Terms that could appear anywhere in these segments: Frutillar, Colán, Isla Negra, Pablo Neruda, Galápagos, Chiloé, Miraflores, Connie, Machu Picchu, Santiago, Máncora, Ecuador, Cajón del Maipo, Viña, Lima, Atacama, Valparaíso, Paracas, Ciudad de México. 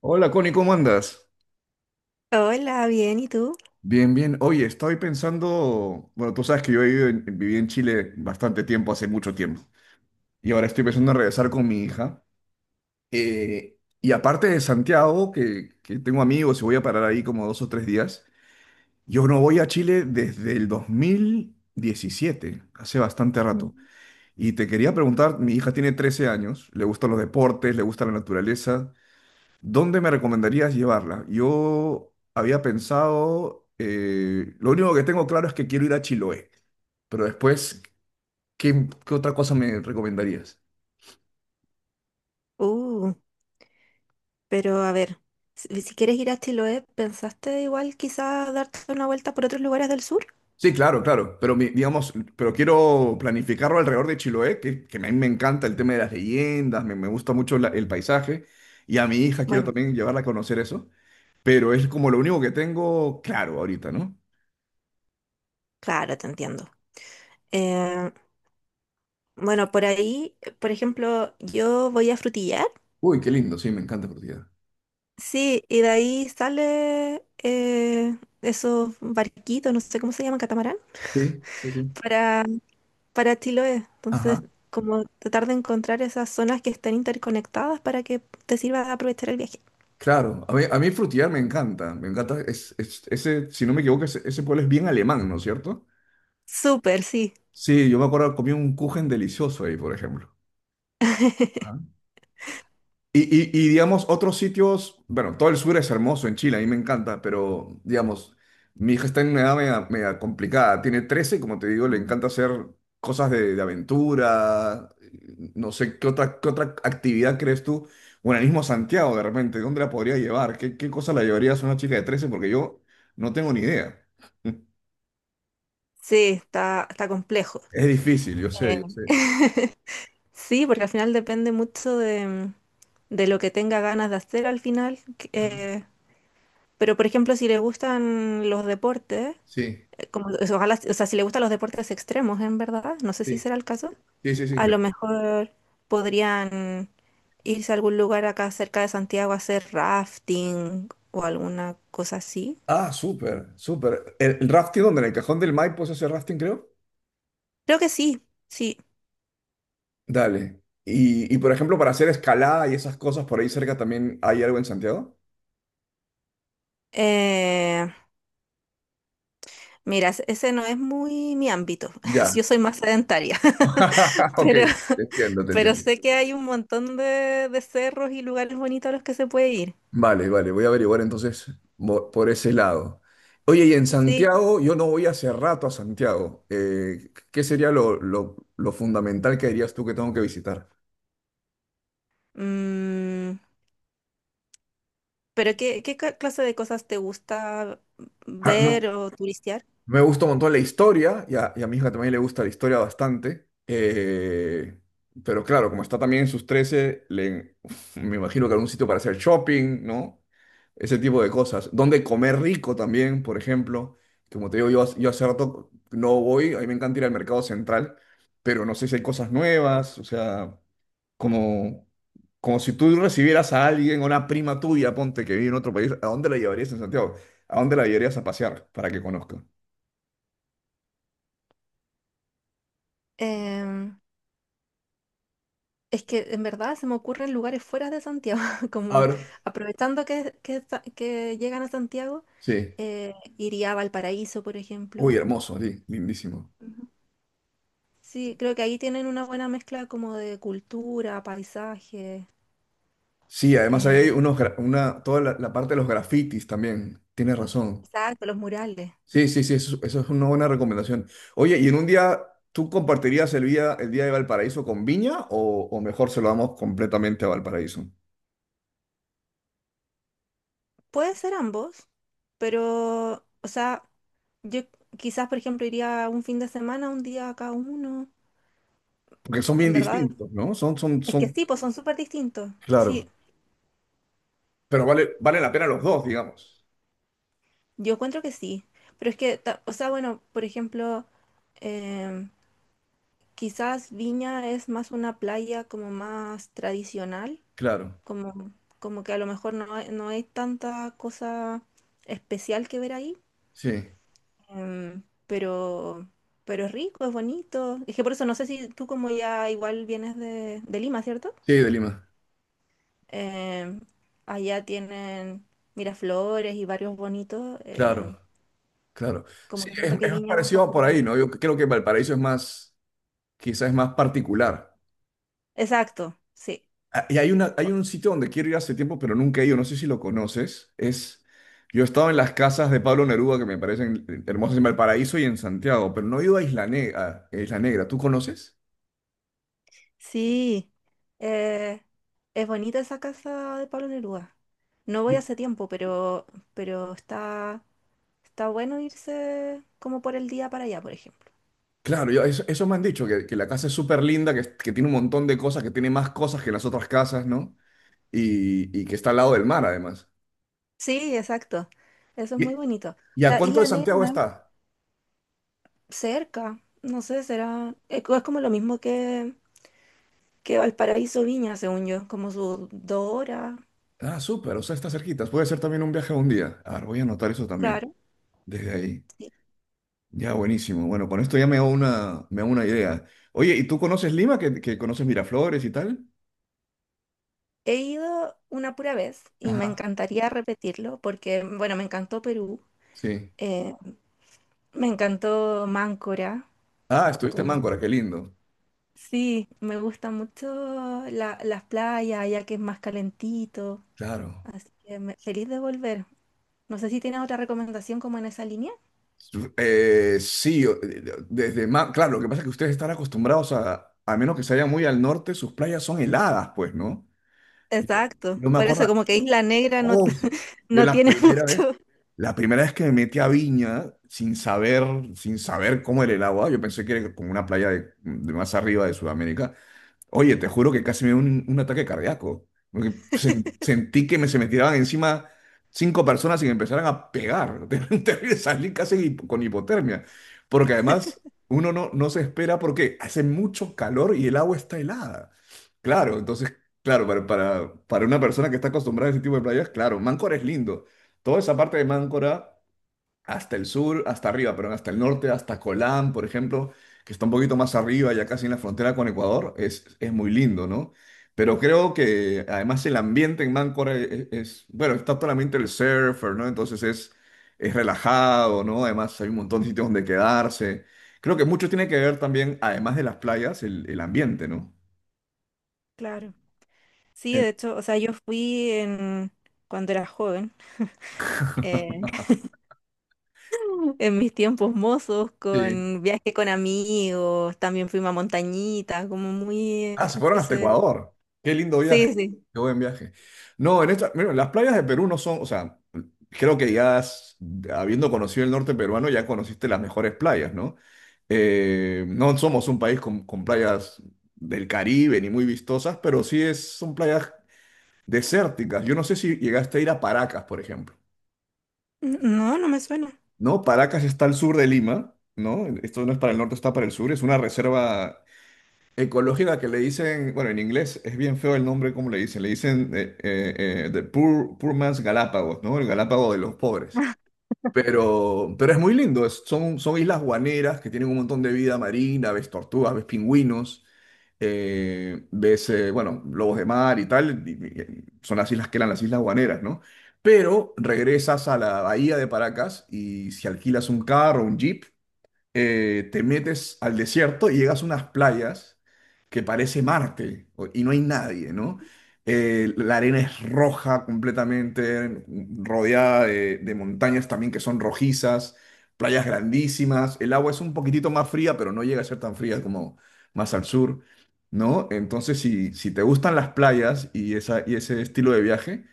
Hola, Connie, ¿cómo andas? Hola, bien, ¿y tú? Bien, bien. Oye, estoy pensando, bueno, tú sabes que yo viví en Chile bastante tiempo, hace mucho tiempo, y ahora estoy pensando en regresar con mi hija. Y aparte de Santiago, que tengo amigos y voy a parar ahí como 2 o 3 días, yo no voy a Chile desde el 2017, hace bastante rato. Mm. Y te quería preguntar, mi hija tiene 13 años, le gustan los deportes, le gusta la naturaleza. ¿Dónde me recomendarías llevarla? Yo había pensado, lo único que tengo claro es que quiero ir a Chiloé, pero después, ¿qué otra cosa me recomendarías? Uh, pero a ver, si quieres ir a Chiloé, ¿pensaste igual quizá darte una vuelta por otros lugares del sur? Sí, claro, claro, pero digamos, pero quiero planificarlo alrededor de Chiloé, que a mí me encanta el tema de las leyendas, me gusta mucho el paisaje, y a mi hija quiero Bueno, también llevarla a conocer eso, pero es como lo único que tengo claro ahorita, ¿no? claro, te entiendo. Eh, bueno, por ahí, por ejemplo, yo voy a Frutillar, Uy, qué lindo, sí, me encanta Portugal. sí, y de ahí sale esos barquitos, no sé cómo se llaman, catamarán, Sí, sí, sí. para, para Chiloé. Entonces, como tratar de encontrar esas zonas que estén interconectadas para que te sirva de aprovechar el viaje. Claro, a mí Frutillar me encanta, ese, si no me equivoco, ese pueblo es bien alemán, ¿no es cierto? Súper, sí. Sí, yo me acuerdo, comí un kuchen delicioso ahí, por ejemplo. Ah. Y, digamos, otros sitios, bueno, todo el sur es hermoso en Chile, a mí me encanta, pero digamos, mi hija está en una edad media, media complicada, tiene 13 y como te digo, le encanta hacer cosas de aventura, no sé, ¿qué otra actividad crees tú? Bueno, el mismo Santiago de repente, ¿dónde la podría llevar? ¿Qué cosa la llevarías a una chica de 13? Porque yo no tengo ni idea. Sí, está complejo. Es difícil, yo sé, Eh, yo sé. Sí, porque al final depende mucho de lo que tenga ganas de hacer al final. Ajá. Pero, por ejemplo, si le gustan los deportes, Sí, como, o sea, ojalá, o sea, si le gustan los deportes extremos, en verdad, no sé si sí, será el caso, sí, sí, sí. a lo mejor podrían irse a algún lugar acá cerca de Santiago a hacer rafting o alguna cosa así. Ah, súper, súper. El rafting donde en el Cajón del Maipo se hace rafting, creo. Creo que sí, sí. Dale. Y, por ejemplo, para hacer escalada y esas cosas por ahí cerca también hay algo en Santiago. Eh, Mira, ese no es muy mi ámbito. Ya. Yo soy más sedentaria, Ok, pero, te entiendo, te pero entiendo. sé que hay un montón de cerros y lugares bonitos a los que se puede ir. Vale, vale, voy a averiguar entonces por ese lado. Oye, y en Sí. Santiago, yo no voy hace rato a Santiago. ¿Qué sería lo fundamental que dirías tú que tengo que visitar? Mm, pero ¿qué clase de cosas te gusta ver o turistear? Me gusta un montón la historia, y a mi hija también le gusta la historia bastante. Pero claro, como está también en sus 13 le, me imagino que algún sitio para hacer shopping, ¿no? Ese tipo de cosas. Donde comer rico también, por ejemplo. Como te digo, yo hace rato no voy, a mí me encanta ir al mercado central, pero no sé si hay cosas nuevas, o sea, como, como si tú recibieras a alguien, a una prima tuya, ponte que vive en otro país, ¿a dónde la llevarías en Santiago? ¿A dónde la llevarías a pasear para que conozca? Em, es que en verdad se me ocurren lugares fuera de Santiago, A como ver, aprovechando que llegan a Santiago, sí. eh, iría a Valparaíso, por Uy, ejemplo. hermoso, sí, lindísimo. Sí, creo que ahí tienen una buena mezcla como de cultura, paisaje, Sí, además ahí hay eh, una, toda la parte de los grafitis también. Tienes razón. exacto, los murales. Sí, sí, sí, eso es una buena recomendación. Oye, ¿y en un día tú compartirías el día de Valparaíso con Viña o mejor se lo damos completamente a Valparaíso? Puede ser ambos, pero, o sea, yo quizás, por ejemplo, iría un fin de semana, un día a cada uno. Porque son bien En verdad, distintos, ¿no? Son, son, es que son, sí, pues son súper distintos. Sí, claro. Pero vale la pena los dos, digamos. yo encuentro que sí. Pero es que, o sea, bueno, por ejemplo, em, quizás Viña es más una playa como más tradicional. Claro, Como, como que a lo mejor no, no hay tanta cosa especial que ver ahí, sí. em, pero, pero es rico, es bonito. Es que por eso no sé si tú como ya igual vienes de Lima, ¿cierto? Sí, de Lima. Em, Allá tienen Miraflores y varios bonitos, Claro, claro. como Sí, que es, siento que es más Viña va un parecido poco por por ahí. ahí, ¿no? Yo creo que Valparaíso es más, quizás es más particular. Exacto, sí. Ah, y hay un sitio donde quiero ir hace tiempo, pero nunca he ido, no sé si lo conoces. Yo he estado en las casas de Pablo Neruda, que me parecen hermosas en Valparaíso y en Santiago, pero no he ido a Isla Negra. ¿Tú conoces? Sí, eh, es bonita esa casa de Pablo Neruda. No voy Yo- hace tiempo, pero está, está bueno irse como por el día para allá, por ejemplo. Claro, eso me han dicho, que la casa es súper linda, que tiene un montón de cosas, que tiene más cosas que las otras casas, ¿no? Y que está al lado del mar, además. Sí, exacto. Eso es muy ¿Y, bonito. O y a sea, cuánto de Isla Negra Santiago no está? es cerca. No sé, será. Es como lo mismo que Valparaíso Viña, según yo, como sus dos horas. Ah, súper, o sea, está cerquita. Puede ser también un viaje a un día. A ver, voy a anotar eso también, Claro, desde ahí. sí. Ya, buenísimo. Bueno, con esto ya me hago una idea. Oye, ¿y tú conoces Lima? ¿Que conoces Miraflores y tal? He ido una pura vez y me Ajá, encantaría repetirlo porque, bueno, me encantó Perú. sí. Eh, me encantó Máncora, Ah, estuviste en como Máncora, qué lindo. sí, me gusta mucho las playas, ya que es más calentito, Claro. así que feliz de volver. No sé si tienes otra recomendación como en esa línea. Sí, claro, lo que pasa es que ustedes están acostumbrados a menos que se vayan muy al norte, sus playas son heladas, pues, ¿no? Y Yo, Exacto, yo me por acuerdo, eso como que Isla Negra no, oh, yo no la tiene primera vez, mucho. la primera vez que me metí a Viña, sin saber cómo era el agua, yo pensé que era como una playa de más arriba de Sudamérica. Oye, te juro que casi me dio un ataque cardíaco. Porque sentí que se me tiraban encima cinco personas y me empezaran a pegar. Terrible. Salí casi con hipotermia. Porque además uno no se espera porque hace mucho calor y el agua está helada. Claro, entonces, claro, para una persona que está acostumbrada a ese tipo de playas, claro, Máncora es lindo. Toda esa parte de Máncora hasta el sur, hasta arriba, perdón, hasta el norte, hasta Colán, por ejemplo, que está un poquito más arriba, ya casi en la frontera con Ecuador, es muy lindo, ¿no? Pero creo que además el ambiente en Máncora bueno, está todo el ambiente del surfer, ¿no? Entonces es relajado, ¿no? Además hay un montón de sitios donde quedarse. Creo que mucho tiene que ver también, además de las playas, el ambiente, ¿no? Claro. Sí, de En- hecho, o sea, yo fui en cuando era joven, eh, en mis tiempos mozos, Sí. con viaje con amigos, también fuimos a montañitas, como muy Ah, se fueron hasta ese. Ecuador. Qué lindo viaje. Sí, sí. Qué buen viaje. No, mira, las playas de Perú no son, o sea, creo que ya habiendo conocido el norte peruano, ya conociste las mejores playas, ¿no? No somos un país con playas del Caribe ni muy vistosas, pero sí son playas desérticas. Yo no sé si llegaste a ir a Paracas, por ejemplo. No, no me suena. ¿No? Paracas está al sur de Lima, ¿no? Esto no es para el norte, está para el sur. Es una reserva ecológica que le dicen, bueno, en inglés es bien feo el nombre, ¿como le dicen? Le dicen The Poor, Poor Man's Galápagos, ¿no? El Galápago de los pobres. Pero es muy lindo, son islas guaneras que tienen un montón de vida marina, ves tortugas, ves pingüinos, ves, bueno, lobos de mar y tal, son las islas que eran las islas guaneras, ¿no? Pero regresas a la bahía de Paracas y si alquilas un carro, un jeep, te metes al desierto y llegas a unas playas que parece Marte y no hay nadie, ¿no? La arena es roja completamente, rodeada de montañas también que son rojizas, playas grandísimas, el agua es un poquitito más fría, pero no llega a ser tan fría como más al sur, ¿no? Entonces, si te gustan las playas y, y ese estilo de viaje,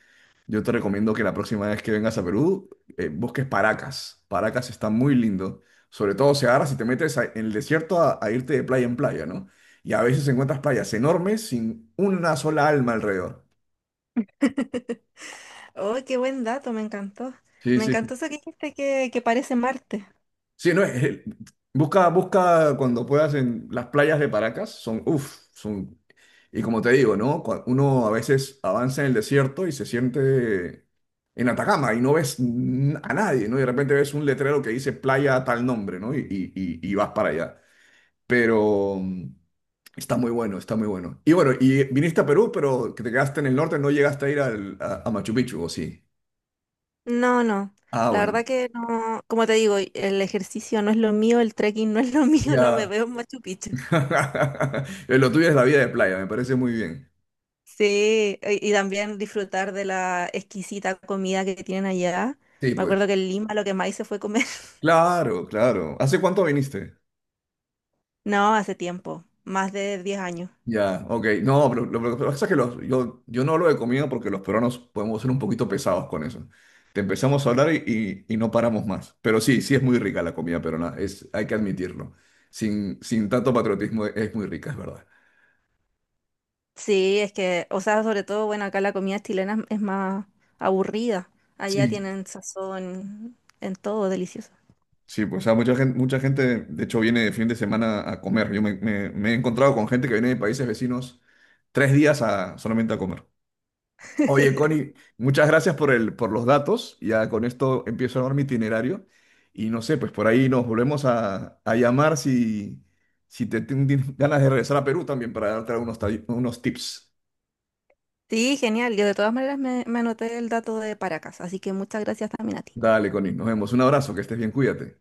yo te recomiendo que la próxima vez que vengas a Perú, busques Paracas. Paracas está muy lindo. Sobre todo se agarra si te metes en el desierto a irte de playa en playa, ¿no? Y a veces encuentras playas enormes sin una sola alma alrededor. Oh, qué buen dato, me encantó. Sí, Me sí, sí. encantó eso que dijiste que parece Marte. Sí, no, busca, busca cuando puedas en las playas de Paracas, son, uff, son, y como te digo, ¿no? Uno a veces avanza en el desierto y se siente en Atacama y no ves a nadie, ¿no? Y de repente ves un letrero que dice playa tal nombre, ¿no? Y vas para allá. Pero está muy bueno, está muy bueno. Y bueno, y viniste a Perú, pero que te quedaste en el norte, no llegaste a ir a Machu Picchu, ¿o sí? No, no. Ah, La bueno. verdad que no, como te digo, el ejercicio no es lo mío, el trekking no es lo mío, no me Ya. veo en Machu Picchu. Lo tuyo es la vida de playa, me parece muy bien. Sí, y también disfrutar de la exquisita comida que tienen allá. Sí, Me pues. acuerdo que en Lima lo que más hice fue comer. Claro, claro. ¿Hace cuánto viniste? No, hace tiempo, más de 10 años. Ya, ok. No, pero lo que pasa es que yo no lo he comido porque los peruanos podemos ser un poquito pesados con eso. Te empezamos a hablar y no paramos más. Pero sí, sí es muy rica la comida peruana, hay que admitirlo. Sin tanto patriotismo es muy rica, es verdad. Sí, es que, o sea, sobre todo, bueno, acá la comida chilena es más aburrida. Allá Sí. tienen sazón en todo, delicioso. Sí, pues o sea, mucha gente, de hecho, viene de fin de semana a comer. Yo me he encontrado con gente que viene de países vecinos 3 días solamente a comer. Oye, Connie, muchas gracias por los datos. Ya con esto empiezo a armar mi itinerario. Y no sé, pues por ahí nos volvemos a llamar si te tienes ganas de regresar a Perú también para darte unos tips. Sí, genial. Yo de todas maneras me, me anoté el dato de Paracas, así que muchas gracias también a ti. Dale, Connie, nos vemos. Un abrazo, que estés bien, cuídate.